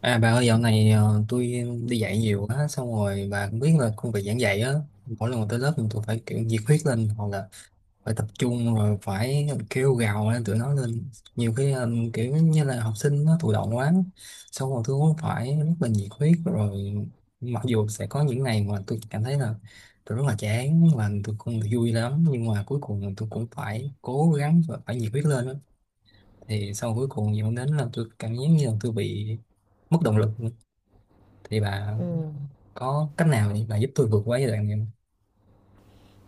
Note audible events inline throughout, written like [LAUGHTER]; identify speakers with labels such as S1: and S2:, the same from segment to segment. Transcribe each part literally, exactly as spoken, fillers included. S1: À bà ơi, dạo này ờ, tôi đi dạy nhiều quá, xong rồi bà cũng biết là công việc giảng dạy á, mỗi lần mà tới lớp thì tôi phải kiểu nhiệt huyết lên, hoặc là phải tập trung, rồi phải kêu gào lên tụi nó lên. Nhiều khi ờ, kiểu như là học sinh nó thụ động quá, xong rồi tôi cũng phải rất là nhiệt huyết. Rồi mặc dù sẽ có những ngày mà tôi cảm thấy là tôi rất là chán và tôi không được vui lắm, nhưng mà cuối cùng là tôi cũng phải cố gắng và phải nhiệt huyết lên á. Thì sau cuối cùng dẫn đến là tôi cảm giác như là tôi bị mất động lực. Thì bà
S2: Ừm,
S1: có cách nào để bà giúp tôi vượt qua giai đoạn này không?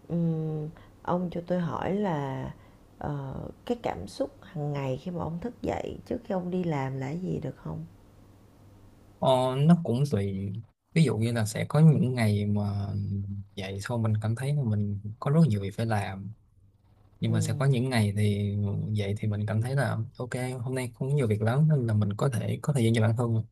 S2: ừm, ông cho tôi hỏi là, ờ, cái cảm xúc hàng ngày khi mà ông thức dậy trước khi ông đi làm là cái gì được không?
S1: Ờ, nó cũng tùy, ví dụ như là sẽ có những ngày mà dậy xong mình cảm thấy là mình có rất nhiều việc phải làm, nhưng mà sẽ
S2: Ừm,
S1: có những ngày thì dậy thì mình cảm thấy là ok, hôm nay không có nhiều việc lắm nên là mình có thể có thời gian cho bản thân.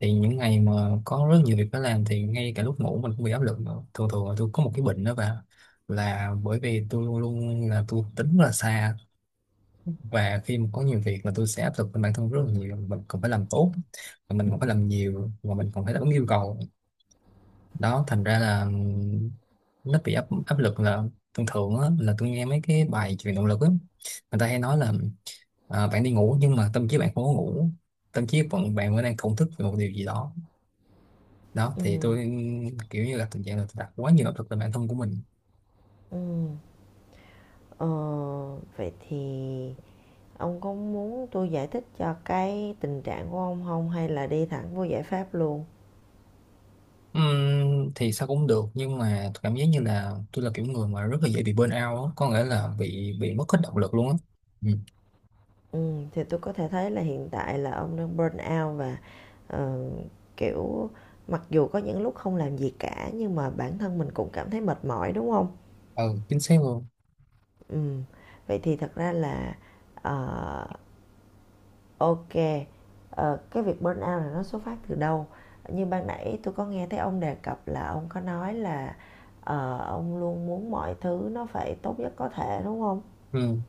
S1: Thì những ngày mà có rất nhiều việc phải làm thì ngay cả lúc ngủ mình cũng bị áp lực nữa. Thường thường là tôi có một cái bệnh đó bà, là bởi vì tôi luôn luôn là tôi tính rất là xa, và khi mà có nhiều việc là tôi sẽ áp lực lên bản thân rất là nhiều, mình còn phải làm tốt và mình còn phải làm nhiều và mình còn phải đáp ứng yêu cầu. Đó, thành ra là ừm, nó bị áp áp lực. Là thường thường á, là tôi nghe mấy cái bài truyền động lực á, người ta hay nói là à, bạn đi ngủ nhưng mà tâm trí bạn không có ngủ, tâm trí vẫn bạn vẫn đang thổn thức về một điều gì đó. Đó thì
S2: ừm,
S1: tôi ừm, kiểu như là tình trạng là tôi đặt quá nhiều áp lực lên bản thân của mình.
S2: ừm, ờ, Vậy thì ông có muốn tôi giải thích cho cái tình trạng của ông không hay là đi thẳng vô giải pháp luôn?
S1: Ừm, thì sao cũng được, nhưng mà tôi cảm giác như là tôi là kiểu người mà rất là dễ bị burn out á, có nghĩa là bị bị mất hết động lực luôn á. Ừ.
S2: Ừm, thì tôi có thể thấy là hiện tại là ông đang burn out và, ờ, kiểu, mặc dù có những lúc không làm gì cả nhưng mà bản thân mình cũng cảm thấy mệt mỏi, đúng không?
S1: Ừ, chính xác luôn.
S2: Ừm, Vậy thì thật ra là, ờ, ô ờ, cái việc burnout là nó xuất phát từ đâu? Như ban nãy tôi có nghe thấy ông đề cập là ông có nói là, ờ, ông luôn muốn mọi thứ nó phải tốt nhất có thể, đúng không?
S1: Ừ.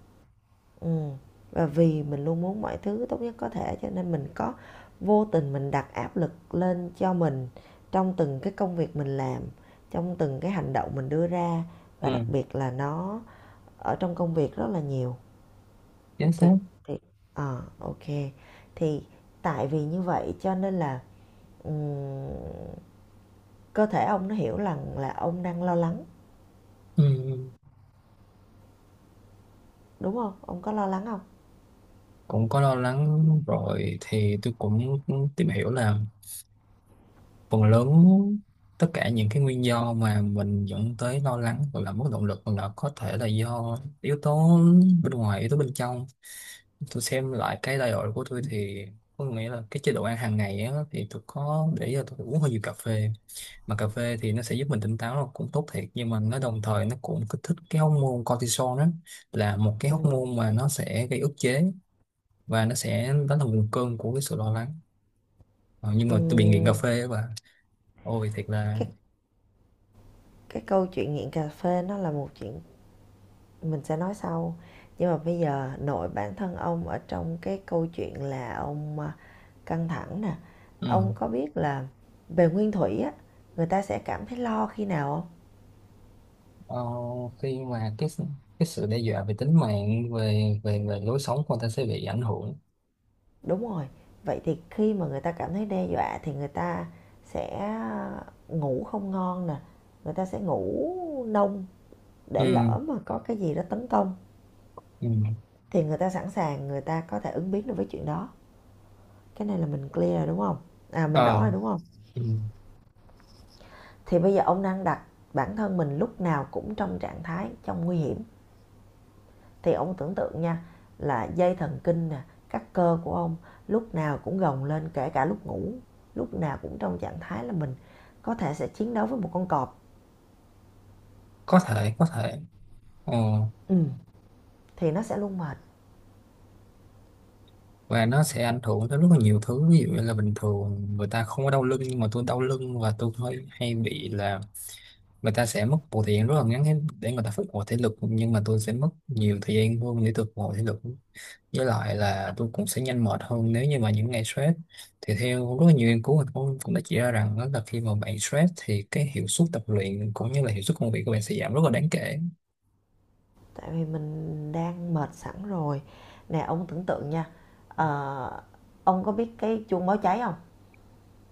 S2: Ừm, và vì mình luôn muốn mọi thứ tốt nhất có thể cho nên mình có vô tình mình đặt áp lực lên cho mình trong từng cái công việc mình làm, trong từng cái hành động mình đưa ra, và đặc
S1: Ừ,
S2: biệt là nó ở trong công việc rất là nhiều.
S1: chính
S2: thì
S1: xác.
S2: thì Ờ, ok. Thì tại vì như vậy cho nên là, ừm, cơ thể ông nó hiểu rằng là ông đang lo lắng,
S1: Ừ. Ừ.
S2: đúng không? Ông có lo lắng không?
S1: Cũng có lo lắng. Rồi thì tôi cũng cũng tìm hiểu là phần lớn tất cả những cái nguyên do mà mình dẫn tới lo lắng, hoặc là mất động lực, hoặc là có thể là do yếu tố bên ngoài, yếu tố bên trong. Tôi xem lại cái đại đội của tôi thì có nghĩa là cái chế độ ăn hàng ngày á, thì tôi có để ý là tôi uống hơi nhiều cà phê. Mà cà phê thì nó sẽ giúp mình tỉnh táo là cũng tốt thiệt, nhưng mà nó đồng thời nó cũng kích thích cái hormone cortisol đó, là một cái
S2: Ừm,
S1: hormone mà nó sẽ gây ức chế, và nó sẽ, đó là nguồn cơn của cái sự lo lắng. Ờ, nhưng mà tôi bị nghiện cà
S2: ừm,
S1: phê, và ôi thiệt là.
S2: cái cái câu chuyện nghiện cà phê nó là một chuyện mình sẽ nói sau, nhưng mà bây giờ nội bản thân ông ở trong cái câu chuyện là ông, a, căng thẳng nè.
S1: Ừ.
S2: Ông có biết là về nguyên thủy á, người ta sẽ cảm thấy lo khi nào không?
S1: Ờ, khi mà cái s- cái sự đe dọa về tính mạng, về về về lối sống của người ta sẽ bị ảnh hưởng.
S2: Đúng rồi. Vậy thì khi mà người ta cảm thấy đe dọa thì người ta sẽ ngủ không ngon nè, người ta sẽ ngủ nông để
S1: Ừ,
S2: lỡ mà có cái gì đó tấn công
S1: ừ.
S2: thì người ta sẵn sàng, người ta có thể ứng biến được với chuyện đó. Cái này là mình clear rồi đúng không? À, mình rõ
S1: Ờ.
S2: rồi đúng không?
S1: Ừ.
S2: Thì bây giờ ông đang đặt bản thân mình lúc nào cũng trong trạng thái trong nguy hiểm, thì ông tưởng tượng nha, là dây thần kinh nè, các cơ của ông lúc nào cũng gồng lên kể cả lúc ngủ, lúc nào cũng trong trạng thái là mình có thể sẽ chiến đấu với một con cọp.
S1: Có thể, có thể. Ờ.
S2: Ừ. Thì nó sẽ luôn mệt.
S1: Và nó sẽ ảnh hưởng tới rất là nhiều thứ, ví dụ như là bình thường người ta không có đau lưng nhưng mà tôi đau lưng, và tôi hay, hay bị là người ta sẽ mất một thời gian rất là ngắn để để người ta phục hồi thể lực, nhưng mà tôi sẽ mất nhiều thời gian hơn để tôi phục hồi thể lực. Với lại là tôi cũng sẽ nhanh mệt hơn nếu như mà những ngày stress, thì theo rất là nhiều nghiên cứu thì cũng cũng đã chỉ ra rằng đó là khi mà bạn stress thì cái hiệu suất tập luyện cũng như là hiệu suất công việc của bạn sẽ giảm rất là đáng kể.
S2: Tại vì mình đang mệt sẵn rồi. Nè ông tưởng tượng nha, ờ, ông có biết cái chuông báo cháy không?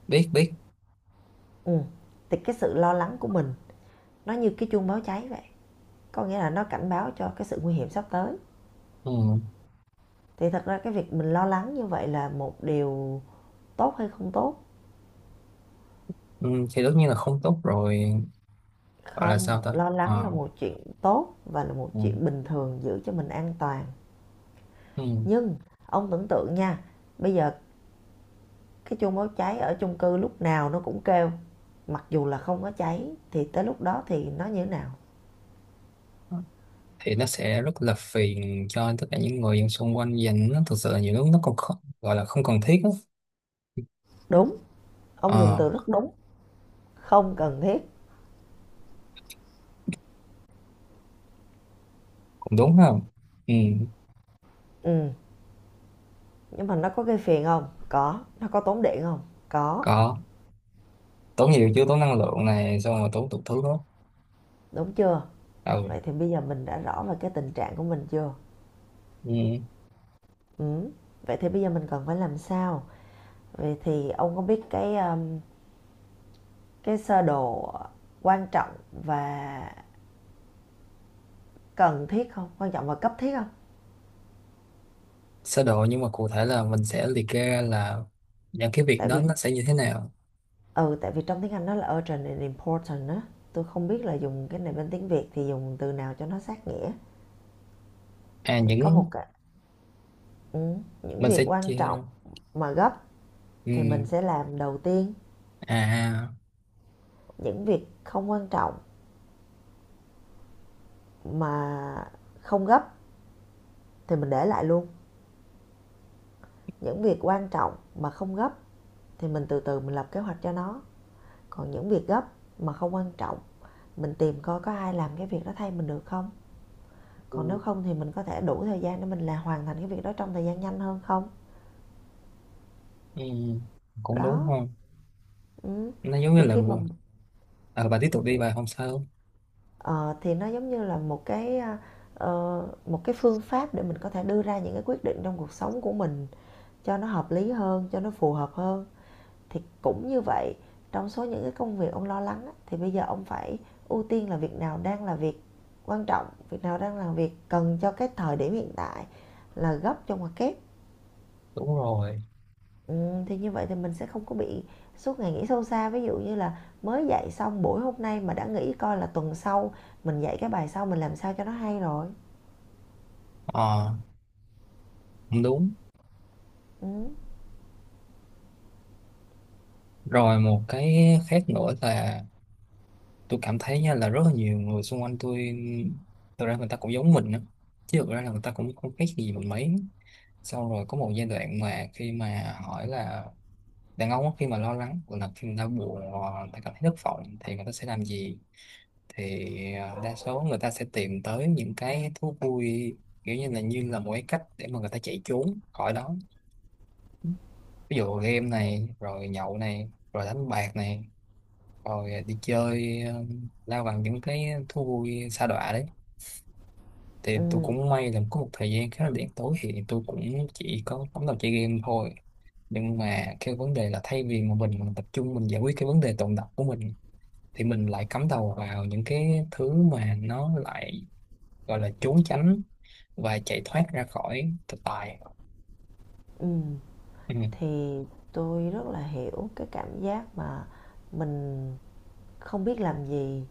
S1: Biết, biết.
S2: Ừ. Thì cái sự lo lắng của mình nó như cái chuông báo cháy vậy, có nghĩa là nó cảnh báo cho cái sự nguy hiểm sắp tới.
S1: Ừ.
S2: Thì thật ra cái việc mình lo lắng như vậy là một điều tốt hay không tốt?
S1: Ừ, thì tất nhiên là không tốt rồi. Gọi là
S2: Không,
S1: sao ta.
S2: lo lắng là
S1: Ờ.
S2: một chuyện tốt và là một
S1: Ừ.
S2: chuyện bình thường giữ cho mình an toàn.
S1: Ừ.
S2: Nhưng ông tưởng tượng nha, bây giờ cái chuông báo cháy ở chung cư lúc nào nó cũng kêu. Mặc dù là không có cháy, thì tới lúc đó thì nó như thế nào?
S1: Thì nó sẽ rất là phiền cho tất cả những người xung quanh, dành nó thực sự là nhiều lúc nó còn không, gọi là không cần thiết á.
S2: Đúng, ông dùng
S1: Ờ,
S2: từ rất đúng, không cần thiết.
S1: cũng đúng không. Ừ.
S2: Ừ, nhưng mà nó có gây phiền không? Có. Nó có tốn điện không? Có.
S1: Có, tốn nhiều chứ, tốn năng lượng này, xong rồi tốn tụt thứ đó.
S2: Đúng chưa?
S1: Ừ.
S2: Vậy thì bây giờ mình đã rõ về cái tình trạng của mình chưa?
S1: Ừ.
S2: Ừ. Vậy thì bây giờ mình cần phải làm sao? Vậy thì ông có biết cái um, cái sơ đồ quan trọng và cần thiết không, quan trọng và cấp thiết không?
S1: Sơ đồ, nhưng mà cụ thể là mình sẽ liệt kê ra là những cái việc
S2: Tại
S1: đó
S2: vì
S1: nó sẽ như thế nào.
S2: ừ tại vì trong tiếng Anh nó là urgent and important á, tôi không biết là dùng cái này bên tiếng Việt thì dùng từ nào cho nó sát nghĩa.
S1: À,
S2: Thì có một
S1: những
S2: cái, ừ, những
S1: mình
S2: việc
S1: sẽ
S2: quan
S1: chia
S2: trọng
S1: ra.
S2: mà gấp thì mình
S1: Ừ.
S2: sẽ làm đầu tiên,
S1: À.
S2: những việc không quan trọng mà không gấp thì mình để lại luôn, những việc quan trọng mà không gấp thì mình từ từ mình lập kế hoạch cho nó, còn những việc gấp mà không quan trọng mình tìm coi có ai làm cái việc đó thay mình được không, còn nếu
S1: Ừ,
S2: không thì mình có thể đủ thời gian để mình là hoàn thành cái việc đó trong thời gian nhanh hơn không.
S1: ừ, cũng đúng
S2: Đó.
S1: không.
S2: Ừ.
S1: Nó giống như
S2: thì
S1: là,
S2: khi mà
S1: à, bà tiếp tục đi bà, không sao.
S2: ờ, Thì nó giống như là một cái, ờ, ờ, một cái phương pháp để mình có thể đưa ra những cái quyết định trong cuộc sống của mình cho nó hợp lý hơn, cho nó phù hợp hơn. Thì cũng như vậy, trong số những cái công việc ông lo lắng thì bây giờ ông phải ưu tiên là việc nào đang là việc quan trọng, việc nào đang là việc cần cho cái thời điểm hiện tại là gấp trong hoặc kép.
S1: Đúng rồi.
S2: Ừm, thì như vậy thì mình sẽ không có bị suốt ngày nghĩ sâu xa. Ví dụ như là mới dạy xong buổi hôm nay mà đã nghĩ coi là tuần sau mình dạy cái bài sau mình làm sao cho nó hay rồi.
S1: Ờ, cũng đúng.
S2: Ừm.
S1: Rồi một cái khác nữa là tôi cảm thấy nha là rất là nhiều người xung quanh tôi thực ra người ta cũng giống mình á, chứ thực ra là người ta cũng không khác gì mình mấy. Xong rồi có một giai đoạn mà khi mà hỏi là đàn ông á, khi mà lo lắng, hoặc là khi người ta buồn, hoặc người ta cảm thấy thất vọng thì người ta sẽ làm gì, thì à, đa số người ta sẽ tìm tới những cái thú vui, kiểu như là như là một cái cách để mà người ta chạy trốn khỏi đó. Ví dụ game này, rồi nhậu này, rồi đánh bạc này, rồi đi chơi, ờ, lao bằng những cái thú vui sa đọa đấy. Thì tôi
S2: Ừm.
S1: cũng may là có một thời gian khá là đen tối thì tôi cũng chỉ có cắm đầu chơi game thôi. Nhưng mà cái vấn đề là thay vì mà mình tập trung mình giải quyết cái vấn đề tồn đọng của mình, thì mình lại cắm đầu vào những cái thứ mà nó lại gọi là trốn tránh và chạy thoát ra khỏi thực tại.
S2: Ừm.
S1: Ừ.
S2: Thì tôi rất là hiểu cái cảm giác mà mình không biết làm gì,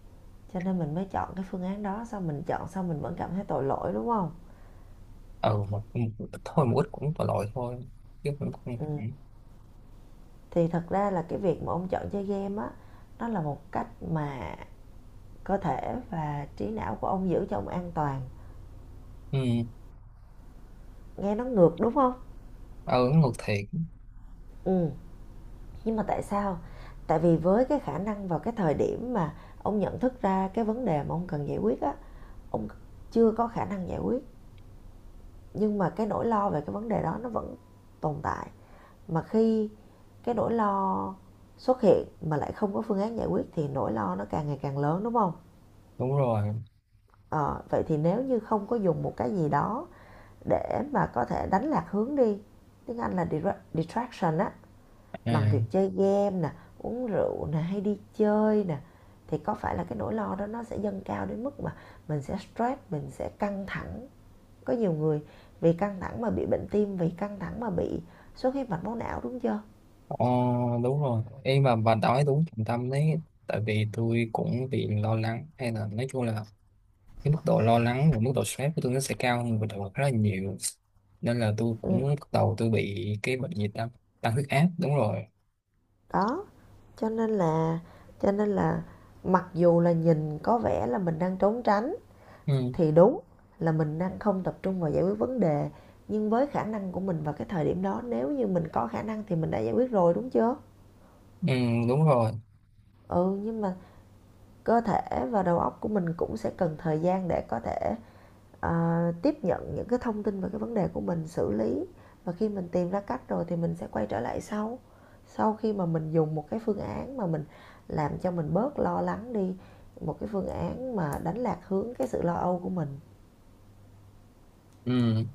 S2: cho nên mình mới chọn cái phương án đó, xong mình chọn xong mình vẫn cảm thấy tội lỗi, đúng không?
S1: Ừ, một, một ít thôi, một ít cũng tội lỗi thôi, chứ cũng không
S2: Ừm,
S1: hẳn.
S2: thì thật ra là cái việc mà ông chọn chơi game á, nó là một cách mà cơ thể và trí não của ông giữ cho ông an toàn.
S1: Ừ.
S2: Nghe nó ngược đúng không?
S1: Ừ, ngược thiệt.
S2: Ừ. Nhưng mà tại sao? Tại vì với cái khả năng vào cái thời điểm mà ông nhận thức ra cái vấn đề mà ông cần giải quyết á, ông chưa có khả năng giải quyết, nhưng mà cái nỗi lo về cái vấn đề đó nó vẫn tồn tại. Mà khi cái nỗi lo xuất hiện mà lại không có phương án giải quyết thì nỗi lo nó càng ngày càng lớn đúng không?
S1: Đúng rồi.
S2: Ờ, vậy thì nếu như không có dùng một cái gì đó để mà có thể đánh lạc hướng đi, tiếng Anh là dira- distraction á, bằng việc
S1: À.
S2: chơi game nè, uống rượu nè, hay đi chơi nè, thì có phải là cái nỗi lo đó nó sẽ dâng cao đến mức mà mình sẽ stress, mình sẽ căng thẳng. Có nhiều người vì căng thẳng mà bị bệnh tim, vì căng thẳng mà bị xuất huyết mạch máu não đúng chưa?
S1: Ờ, đúng rồi em, mà bà nói đúng trọng tâm đấy. Tại vì tôi cũng bị lo lắng, hay là nói chung là cái mức độ lo lắng và mức độ stress của tôi nó sẽ cao hơn bình thường rất là nhiều, nên là tôi cũng
S2: Ừ,
S1: bắt đầu tôi bị cái bệnh gì ta. Tăng huyết áp, đúng rồi.
S2: đó, cho nên là cho nên là mặc dù là nhìn có vẻ là mình đang trốn tránh,
S1: Ừ.
S2: thì đúng là mình đang không tập trung vào giải quyết vấn đề, nhưng với khả năng của mình vào cái thời điểm đó nếu như mình có khả năng thì mình đã giải quyết rồi đúng chưa?
S1: Ừ, đúng rồi.
S2: Ừ, nhưng mà cơ thể và đầu óc của mình cũng sẽ cần thời gian để có thể à, tiếp nhận những cái thông tin về cái vấn đề của mình xử lý, và khi mình tìm ra cách rồi thì mình sẽ quay trở lại sau, sau khi mà mình dùng một cái phương án mà mình làm cho mình bớt lo lắng đi, một cái phương án mà đánh lạc hướng cái sự lo âu của mình.
S1: Ừ.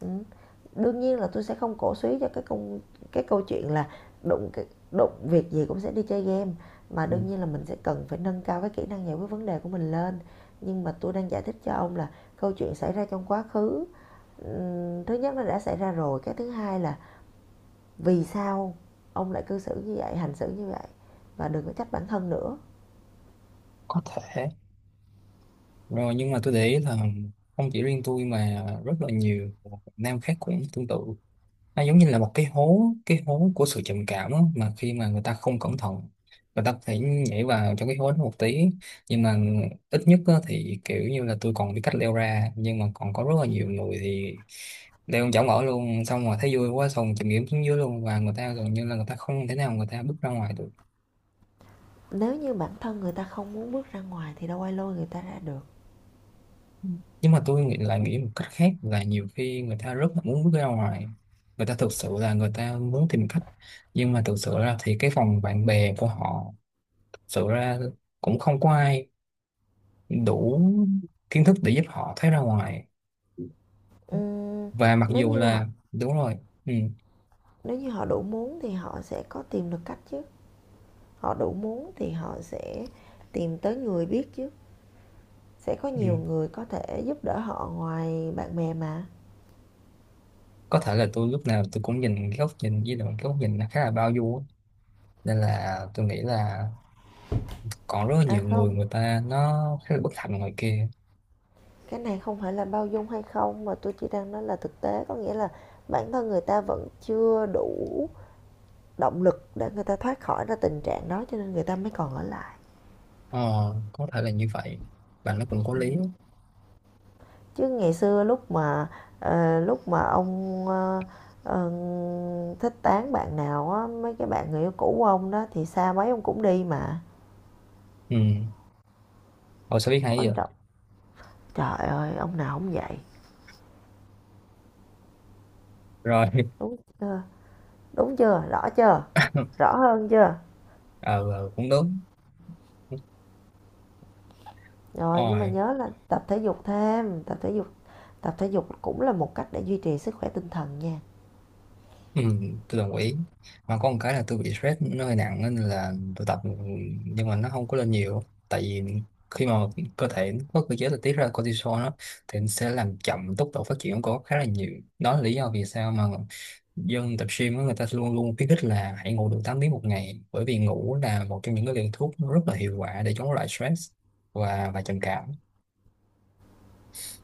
S2: Ừm. Đương nhiên là tôi sẽ không cổ suý cho cái công cái câu chuyện là đụng đụng việc gì cũng sẽ đi chơi game, mà
S1: Ừ,
S2: đương nhiên là mình sẽ cần phải nâng cao cái kỹ năng giải quyết vấn đề của mình lên. Nhưng mà tôi đang giải thích cho ông là câu chuyện xảy ra trong quá khứ, ừ, thứ nhất nó đã xảy ra rồi, cái thứ hai là vì sao ông lại cư xử như vậy, hành xử như vậy, và đừng có trách bản thân nữa.
S1: có thể. Rồi nhưng mà tôi để ý là không chỉ riêng tôi mà rất là nhiều Việt Nam khác cũng tương tự. Nó giống như là một cái hố, cái hố của sự trầm cảm á, mà khi mà người ta không cẩn thận người ta có thể nhảy vào trong cái hố đó một tí. Nhưng mà ít nhất á, thì kiểu như là tôi còn biết cách leo ra, nhưng mà còn có rất là nhiều người thì leo chỏng ở luôn, xong rồi thấy vui quá xong chìm nghỉm xuống dưới luôn, và người ta gần như là người ta không thể nào người ta bước ra ngoài được.
S2: Nếu như bản thân người ta không muốn bước ra ngoài thì đâu ai lôi người ta ra được.
S1: Nhưng mà tôi nghĩ là nghĩ một cách khác là nhiều khi người ta rất là muốn bước ra ngoài, người ta thực sự là người ta muốn tìm cách, nhưng mà thực sự ra thì cái vòng bạn bè của họ, thực sự ra, cũng không có ai đủ kiến thức để giúp họ thấy ra ngoài.
S2: Ừm,
S1: Và mặc
S2: nếu
S1: dù
S2: như họ
S1: là đúng rồi. Ừ.
S2: nếu như họ đủ muốn thì họ sẽ có tìm được cách chứ, họ đủ muốn thì họ sẽ tìm tới người biết chứ, sẽ có nhiều
S1: Ừ.
S2: người có thể giúp đỡ họ ngoài bạn bè mà.
S1: Có thể là tôi lúc nào tôi cũng nhìn cái góc nhìn, với lại cái góc nhìn nó khá là bao dung á, nên là tôi nghĩ là còn rất là
S2: À
S1: nhiều người,
S2: không,
S1: người ta nó khá là bất hạnh ngoài kia.
S2: cái này không phải là bao dung hay không mà tôi chỉ đang nói là thực tế, có nghĩa là bản thân người ta vẫn chưa đủ động lực để người ta thoát khỏi ra tình trạng đó cho nên người ta mới còn ở lại.
S1: Ờ, có thể là như vậy, và nó cũng có
S2: Ừ.
S1: lý.
S2: Chứ ngày xưa lúc mà ờ, lúc mà ông ờ, ờ, thích tán bạn nào á, mấy cái bạn người yêu cũ của ông đó thì xa mấy ông cũng đi mà.
S1: Ừ. Ôi sao biết hay
S2: Quan
S1: giờ.
S2: trọng. Trời ơi ông nào không vậy?
S1: Rồi [LAUGHS]
S2: Đúng chưa? Đúng chưa, rõ chưa? Rõ hơn chưa?
S1: ờ, ờ, cũng đúng.
S2: Rồi nhưng mà
S1: Rồi.
S2: nhớ là tập thể dục, thêm tập thể dục, tập thể dục cũng là một cách để duy trì sức khỏe tinh thần nha.
S1: Ừ, tôi đồng ý. Mà có một cái là tôi bị stress nó hơi nặng nên là tôi tập, nhưng mà nó không có lên nhiều, tại vì khi mà cơ thể nó có cơ chế là tiết ra cortisol đó, thì nó sẽ làm chậm tốc độ phát triển của khá là nhiều. Đó là lý do vì sao mà dân tập gym á, người ta luôn luôn khuyến khích là hãy ngủ đủ tám tiếng một ngày, bởi vì ngủ là một trong những cái liều thuốc rất là hiệu quả để chống lại stress và và trầm cảm.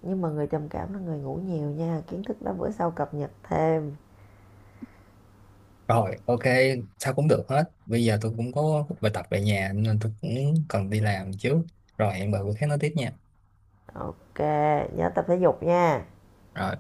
S2: Nhưng mà người trầm cảm là người ngủ nhiều nha, kiến thức đó bữa sau cập nhật thêm.
S1: Rồi, ok, sao cũng được hết. Bây giờ tôi cũng có bài tập về nhà nên tôi cũng cần đi làm chứ. Rồi hẹn bà bữa khác nói tiếp nha.
S2: Ok, nhớ tập thể dục nha.
S1: Rồi.